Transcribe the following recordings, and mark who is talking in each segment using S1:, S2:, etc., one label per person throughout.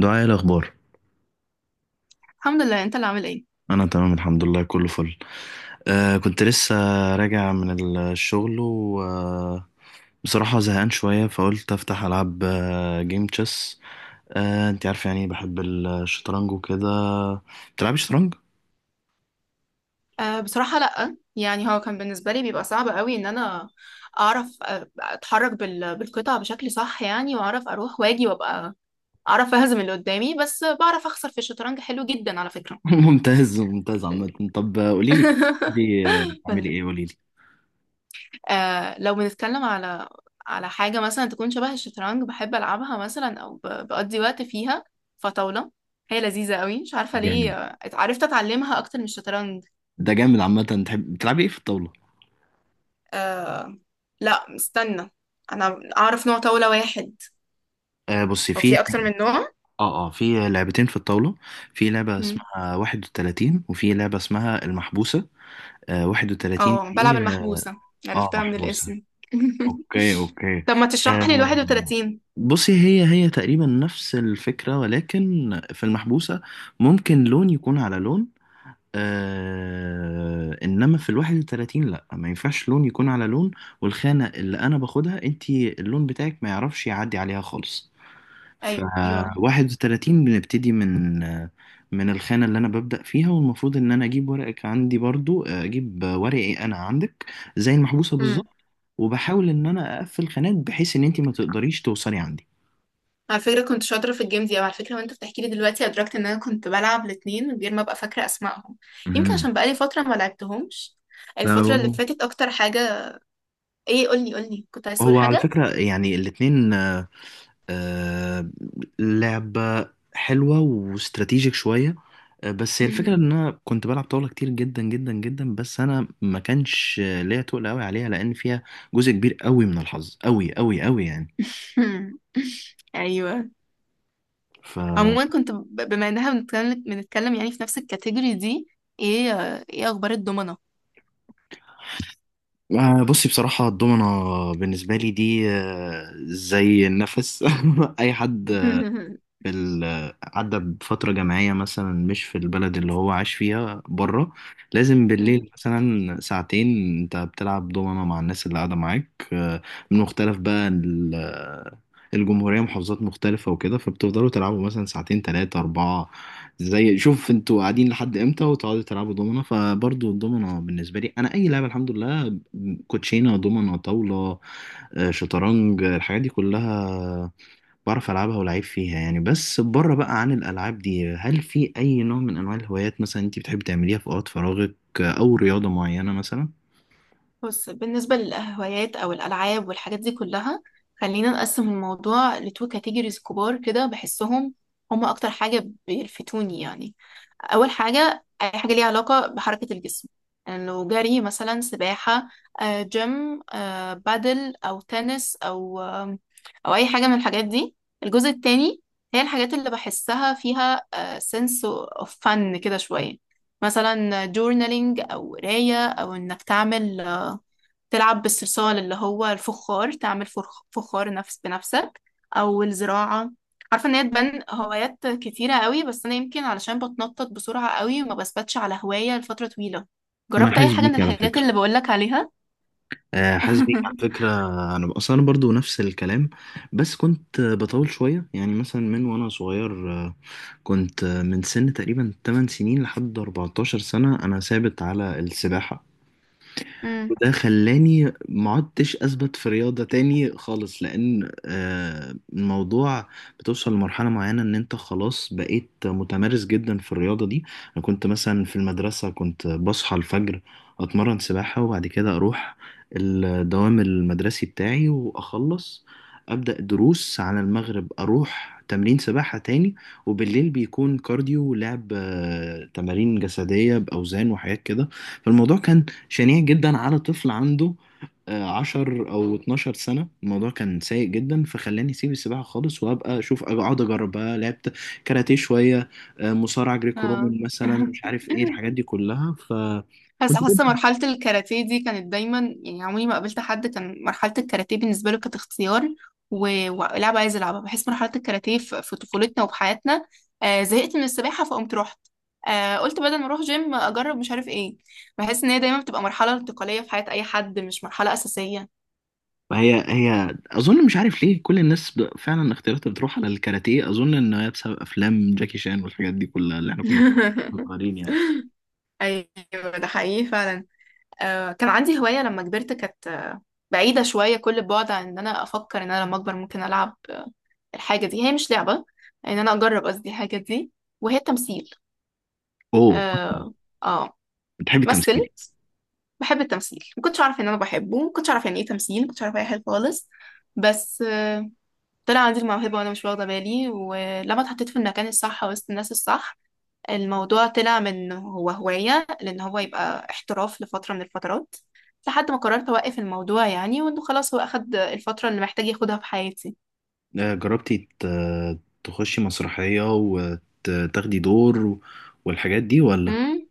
S1: دعاء، إيه الأخبار؟
S2: الحمد لله، انت اللي عامل ايه؟
S1: أنا تمام، الحمد لله، كله فل. كنت لسه راجع من الشغل، وبصراحة زهقان شوية، فقلت أفتح ألعب جيم تشيس. أنت عارف يعني بحب الشطرنج وكده. بتلعبي شطرنج؟
S2: بصراحة لأ، يعني هو كان بالنسبة لي بيبقى صعب قوي ان انا اعرف، اتحرك بالقطع بشكل صح، يعني واعرف اروح واجي وابقى اعرف اهزم اللي قدامي، بس بعرف اخسر في الشطرنج. حلو جدا على فكرة.
S1: ممتاز، ممتاز. عامة طب، قوليلي كده. دي بتعملي
S2: قولي.
S1: إيه؟ قوليلي.
S2: لو بنتكلم على حاجة مثلا تكون شبه الشطرنج بحب العبها مثلا، او بقضي وقت فيها، فطاولة هي لذيذة قوي، مش عارفة ليه.
S1: جامد.
S2: عرفت اتعلمها اكتر من الشطرنج.
S1: ده جامد. عامة، تحب بتلعبي إيه في الطاولة؟
S2: آه لا استنى، انا اعرف نوع طاولة واحد.
S1: بصي،
S2: هو
S1: في
S2: في اكتر من نوع.
S1: اه، اه، في لعبتين في الطاولة. في لعبة
S2: مم.
S1: اسمها واحد وتلاتين، وفي لعبة اسمها المحبوسة. 31
S2: اه بلعب
S1: دي، اه.
S2: المحبوسة،
S1: آه،
S2: عرفتها من
S1: محبوسة.
S2: الاسم.
S1: اوكي، اوكي.
S2: طب ما تشرح لي ال
S1: آه
S2: 31؟
S1: بصي، هي تقريبا نفس الفكرة، ولكن في المحبوسة ممكن لون يكون على لون. انما في الواحد وتلاتين لا، ما ينفعش لون يكون على لون، والخانة اللي انا باخدها انتي اللون بتاعك ما يعرفش يعدي عليها خالص. ف
S2: ايوه.
S1: 31 بنبتدي من الخانة اللي أنا ببدأ فيها، والمفروض إن أنا أجيب ورقك عندي، برضو أجيب ورقي أنا عندك، زي المحبوسة
S2: امم
S1: بالظبط. وبحاول إن أنا أقفل خانات بحيث إن أنت ما تقدريش توصلي عندي.
S2: على فكرة كنت شاطرة في الجيم دي، او على فكرة، وانت بتحكي لي دلوقتي ادركت ان انا كنت بلعب الاتنين من غير ما ابقى فاكرة اسمائهم. يمكن
S1: مهم.
S2: عشان بقالي فترة ما لعبتهمش. الفترة اللي
S1: لو
S2: فاتت اكتر حاجة. ايه، قولي قولي، كنت عايز تقول
S1: هو على
S2: حاجة.
S1: فكرة يعني الاتنين، آه، لعبة حلوة واستراتيجيك شوية. بس هي
S2: مم.
S1: الفكرة ان انا كنت بلعب طاولة كتير جدا جدا جدا، بس انا ما كانش ليا تقل قوي عليها، لان فيها جزء كبير قوي من الحظ، قوي قوي قوي يعني.
S2: ايوه.
S1: ف
S2: عموما كنت بما انها بنتكلم يعني في نفس الكاتيجوري دي، ايه اخبار الضمنة؟
S1: بصي، بصراحة الدومنة بالنسبة لي دي زي النفس. اي حد في ال... عدى بفترة جامعية، مثلا مش في البلد اللي هو عاش فيها بره، لازم بالليل مثلا ساعتين انت بتلعب دومنة مع الناس اللي قاعدة معاك، من مختلف بقى ال... آه، الجمهورية، محافظات مختلفة وكده، فبتفضلوا تلعبوا مثلا ساعتين تلاتة أربعة، زي شوف انتوا قاعدين لحد امتى، وتقعدوا تلعبوا دومنة. فبرضو الدومنة بالنسبة لي أنا أي لعبة، الحمد لله، كوتشينة، دومنة، طاولة، شطرنج، الحاجات دي كلها بعرف ألعبها ولعيب فيها يعني. بس بره بقى عن الألعاب دي، هل في أي نوع من أنواع الهوايات مثلا أنت بتحب تعمليها في أوقات فراغك، أو رياضة معينة مثلا؟
S2: بص، بالنسبة للهوايات أو الألعاب والحاجات دي كلها، خلينا نقسم الموضوع لتو كاتيجوريز كبار كده بحسهم هما أكتر حاجة بيلفتوني يعني. أول حاجة أي حاجة ليها علاقة بحركة الجسم، إنه جري مثلا، سباحة، جيم، بادل أو تنس، أو أو أي حاجة من الحاجات دي. الجزء التاني هي الحاجات اللي بحسها فيها سنس اوف فن كده شوية، مثلا جورنالينج، أو قراية، أو إنك تعمل آه، تلعب بالصلصال اللي هو الفخار، تعمل فخار نفس بنفسك، او الزراعة. عارفة ان هي تبان هوايات كتيرة قوي، بس انا يمكن علشان بتنطط بسرعة قوي وما بثبتش على هواية لفترة طويلة.
S1: انا
S2: جربت اي
S1: حاسس
S2: حاجة من
S1: بيك على
S2: الحاجات
S1: فكره.
S2: اللي بقولك عليها؟
S1: حاسس بيك على فكرة. أنا أصلا، أنا برضو نفس الكلام، بس كنت بطول شوية يعني. مثلا من وأنا صغير، كنت من سن تقريبا 8 سنين لحد 14 سنة أنا ثابت على السباحة.
S2: امم.
S1: وده خلاني ما عدتش اثبت في رياضة تاني خالص، لان الموضوع بتوصل لمرحلة معينة ان انت خلاص بقيت متمرس جدا في الرياضة دي. انا كنت مثلا في المدرسة كنت بصحى الفجر، اتمرن سباحة، وبعد كده اروح الدوام المدرسي بتاعي واخلص، ابدا دروس، على المغرب اروح تمرين سباحة تاني، وبالليل بيكون كارديو ولعب تمارين جسدية باوزان وحاجات كده. فالموضوع كان شنيع جدا على طفل عنده 10 أو 12 سنة. الموضوع كان سيء جدا، فخلاني أسيب السباحة خالص، وأبقى أشوف أقعد أجرب بقى. لعبت كاراتيه شوية، مصارعة جريكو
S2: اه.
S1: رومان مثلا، مش عارف إيه الحاجات دي كلها،
S2: بس
S1: فكنت
S2: حاسه
S1: جدا.
S2: مرحله الكاراتيه دي كانت دايما، يعني عمري ما قابلت حد كان مرحله الكاراتيه بالنسبه له كانت اختيار ولعبه عايز العبها. بحس مرحله الكاراتيه في طفولتنا وفي حياتنا. زهقت من السباحه فقمت رحت، قلت بدل ما اروح جيم اجرب مش عارف ايه. بحس ان هي دايما بتبقى مرحله انتقاليه في حياه اي حد، مش مرحله اساسيه.
S1: هي أظن، مش عارف ليه كل الناس فعلا اختياراتها بتروح على الكاراتيه، أظن إن هي بسبب أفلام جاكي شان والحاجات دي كلها اللي إحنا كنا صغيرين يعني.
S2: ايوه ده حقيقي فعلا. كان عندي هوايه لما كبرت، كانت بعيده شويه كل البعد عن ان انا افكر ان انا لما اكبر ممكن العب الحاجة دي. هي مش لعبة، ان انا اجرب قصدي الحاجة دي وهي تمثيل.
S1: أوه،
S2: اه. اه.
S1: بتحبي
S2: مثل.
S1: التمثيل؟
S2: بحب التمثيل. ما كنتش اعرف ان انا بحبه، ما كنتش اعرف يعني ايه تمثيل، ما كنتش اعرف اي حاجة خالص. بس طلع عندي الموهبة وانا مش واخدة بالي، ولما اتحطيت في المكان الصح وسط الناس الصح، الموضوع طلع من هو هواية لان هو يبقى احتراف لفترة من الفترات، لحد ما قررت اوقف الموضوع يعني، وانه خلاص هو اخد الفترة اللي محتاج ياخدها في حياتي.
S1: جربتي تخشي مسرحية وتاخدي دور والحاجات دي، ولا؟
S2: امم.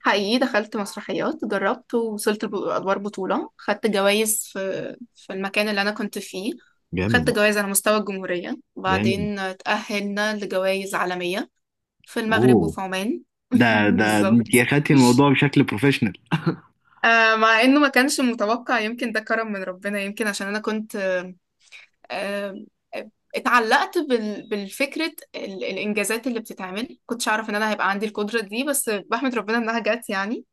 S2: حقيقي دخلت مسرحيات، جربت ووصلت لأدوار بطولة، خدت جوائز في المكان اللي أنا كنت فيه. خدت
S1: جامد.
S2: جوائز على مستوى الجمهورية،
S1: جامد.
S2: وبعدين تأهلنا لجوائز عالمية في المغرب
S1: اوه،
S2: وفي عمان.
S1: ده ده انت
S2: بالظبط.
S1: اخدتي الموضوع بشكل بروفيشنال.
S2: مع إنه ما كانش متوقع، يمكن ده كرم من ربنا، يمكن عشان أنا كنت آه آه، اتعلقت بالفكرة، الإنجازات اللي بتتعمل كنتش أعرف إن أنا هيبقى عندي القدرة دي، بس بحمد ربنا إنها جت يعني.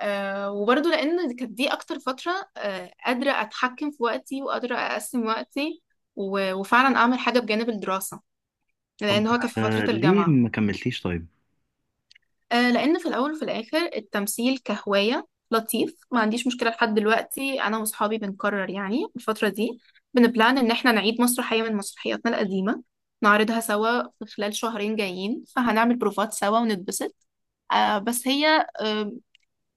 S2: وبرضه لأن كانت دي أكتر فترة قادرة أتحكم في وقتي وقادرة أقسم وقتي، وفعلا أعمل حاجة بجانب الدراسة،
S1: طب،
S2: لأن هو كان في فترة
S1: ليه
S2: الجامعة.
S1: ما كملتيش طيب؟
S2: لأن في الأول وفي الآخر التمثيل كهواية لطيف، ما عنديش مشكلة. لحد دلوقتي أنا وأصحابي بنكرر يعني الفترة دي، بنبلان إن إحنا نعيد مسرحية من مسرحياتنا القديمة، نعرضها سوا في خلال شهرين جايين، فهنعمل بروفات سوا ونتبسط. بس هي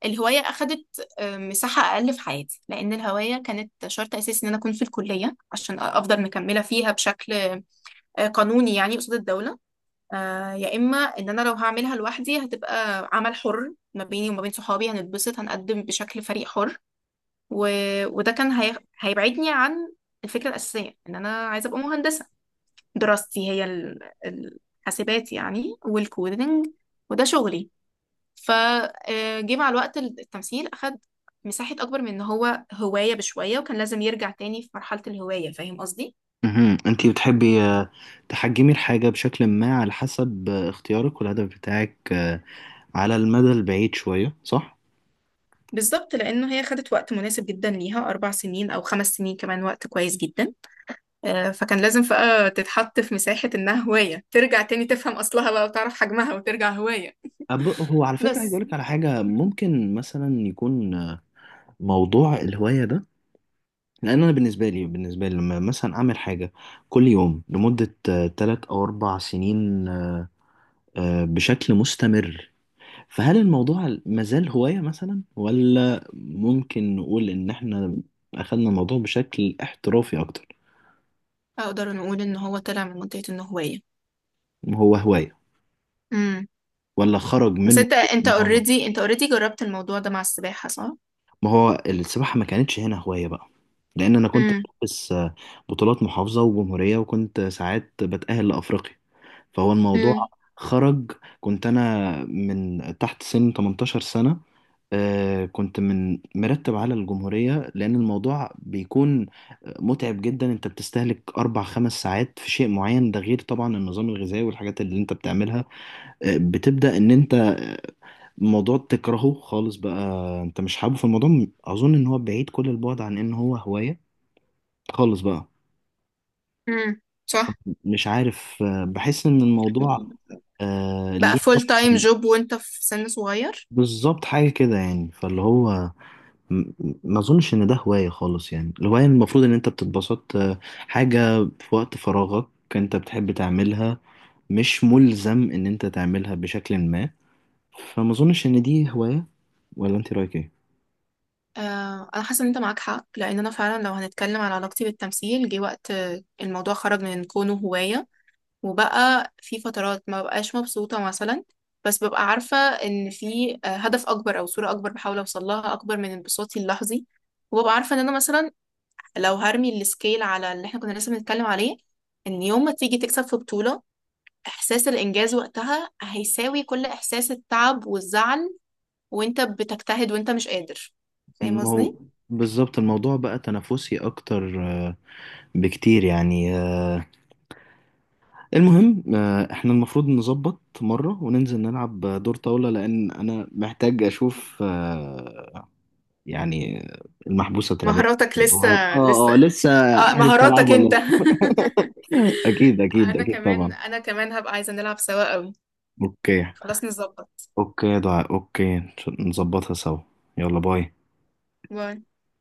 S2: الهواية أخدت مساحة أقل في حياتي، لأن الهواية كانت شرط أساسي إن أنا أكون في الكلية عشان أفضل مكملة فيها بشكل قانوني يعني قصاد الدولة، يا إما إن أنا لو هعملها لوحدي هتبقى عمل حر ما بيني وما بين صحابي هنتبسط هنقدم بشكل فريق حر، و... وده كان هيبعدني عن الفكرة الأساسية إن أنا عايزة أبقى مهندسة. دراستي هي الحاسبات يعني والكودينج، وده شغلي. فجه مع الوقت التمثيل أخد مساحة أكبر من إن هو هواية بشوية، وكان لازم يرجع تاني في مرحلة الهواية. فاهم قصدي؟
S1: مهم. انت بتحبي تحجمي الحاجة بشكل ما على حسب اختيارك والهدف بتاعك، على المدى البعيد شوية، صح؟
S2: بالظبط، لأنه هي خدت وقت مناسب جدا ليها، 4 سنين أو 5 سنين كمان وقت كويس جدا. فكان لازم بقى تتحط في مساحة إنها هواية، ترجع تاني تفهم أصلها بقى وتعرف حجمها وترجع هواية.
S1: هو على فكرة عايز
S2: بس
S1: أقولك على حاجة، ممكن مثلا يكون موضوع الهواية ده، لان انا بالنسبه لي لما مثلا اعمل حاجه كل يوم لمده 3 او 4 سنين ، بشكل مستمر، فهل الموضوع مازال هوايه مثلا، ولا ممكن نقول ان احنا اخذنا الموضوع بشكل احترافي اكتر؟
S2: أقدر نقول إن هو طلع من منطقة إنه هواية.
S1: هو هوايه،
S2: امم.
S1: ولا خرج
S2: بس
S1: من؟
S2: أنت أنت
S1: ما هو
S2: أوريدي أنت أوريدي جربت الموضوع ده مع السباحة، صح؟
S1: ما هو السباحه ما كانتش هنا هوايه بقى، لان انا كنت
S2: امم.
S1: بس بطولات محافظه وجمهوريه، وكنت ساعات بتاهل لافريقيا، فهو الموضوع
S2: امم.
S1: خرج. كنت انا من تحت سن 18 سنة، كنت من مرتب على الجمهورية، لأن الموضوع بيكون متعب جدا. أنت بتستهلك 4 5 ساعات في شيء معين، ده غير طبعا النظام الغذائي والحاجات اللي أنت بتعملها. بتبدأ إن أنت الموضوع تكرهه خالص بقى، أنت مش حابه في الموضوع. أظن إن هو بعيد كل البعد عن إن هو هواية خالص بقى.
S2: امم. صح.
S1: مش عارف بحس إن الموضوع،
S2: بقى
S1: ليه؟
S2: فول تايم جوب وانت في سن صغير.
S1: بالظبط، حاجة كده يعني، فاللي هو م- ما اظنش ان ده هواية خالص يعني. الهواية المفروض ان انت بتتبسط، حاجة في وقت فراغك، انت بتحب تعملها، مش ملزم ان انت تعملها بشكل ما، فما اظنش ان دي هواية. ولا انت رايك ايه؟
S2: انا حاسه ان انت معاك حق، لان انا فعلا لو هنتكلم على علاقتي بالتمثيل جه وقت الموضوع خرج من كونه هوايه، وبقى في فترات ما بقاش مبسوطه مثلا. بس ببقى عارفه ان في هدف اكبر او صوره اكبر بحاول اوصل لها اكبر من انبساطي اللحظي. وببقى عارفه ان انا مثلا لو هرمي السكيل على اللي احنا كنا لسه بنتكلم عليه، ان يوم ما تيجي تكسب في بطوله، احساس الانجاز وقتها هيساوي كل احساس التعب والزعل، وانت بتجتهد وانت مش قادر. فاهم
S1: ما هو
S2: قصدي؟
S1: بالظبط. الموضوع بقى تنافسي اكتر بكتير يعني. المهم احنا المفروض نظبط مرة وننزل نلعب دور طاولة، لان انا محتاج اشوف يعني، المحبوسة الترابية.
S2: مهاراتك لسه
S1: اه،
S2: لسه.
S1: اه، لسه. عارف ألعب
S2: مهاراتك
S1: ولا
S2: انت.
S1: لأ؟ أكيد، أكيد،
S2: انا
S1: أكيد،
S2: كمان
S1: طبعا.
S2: انا كمان هبقى عايزة نلعب سوا قوي.
S1: أوكي،
S2: خلاص نظبط.
S1: أوكي. ضاع. أوكي، نظبطها سوا. يلا، باي.
S2: باي.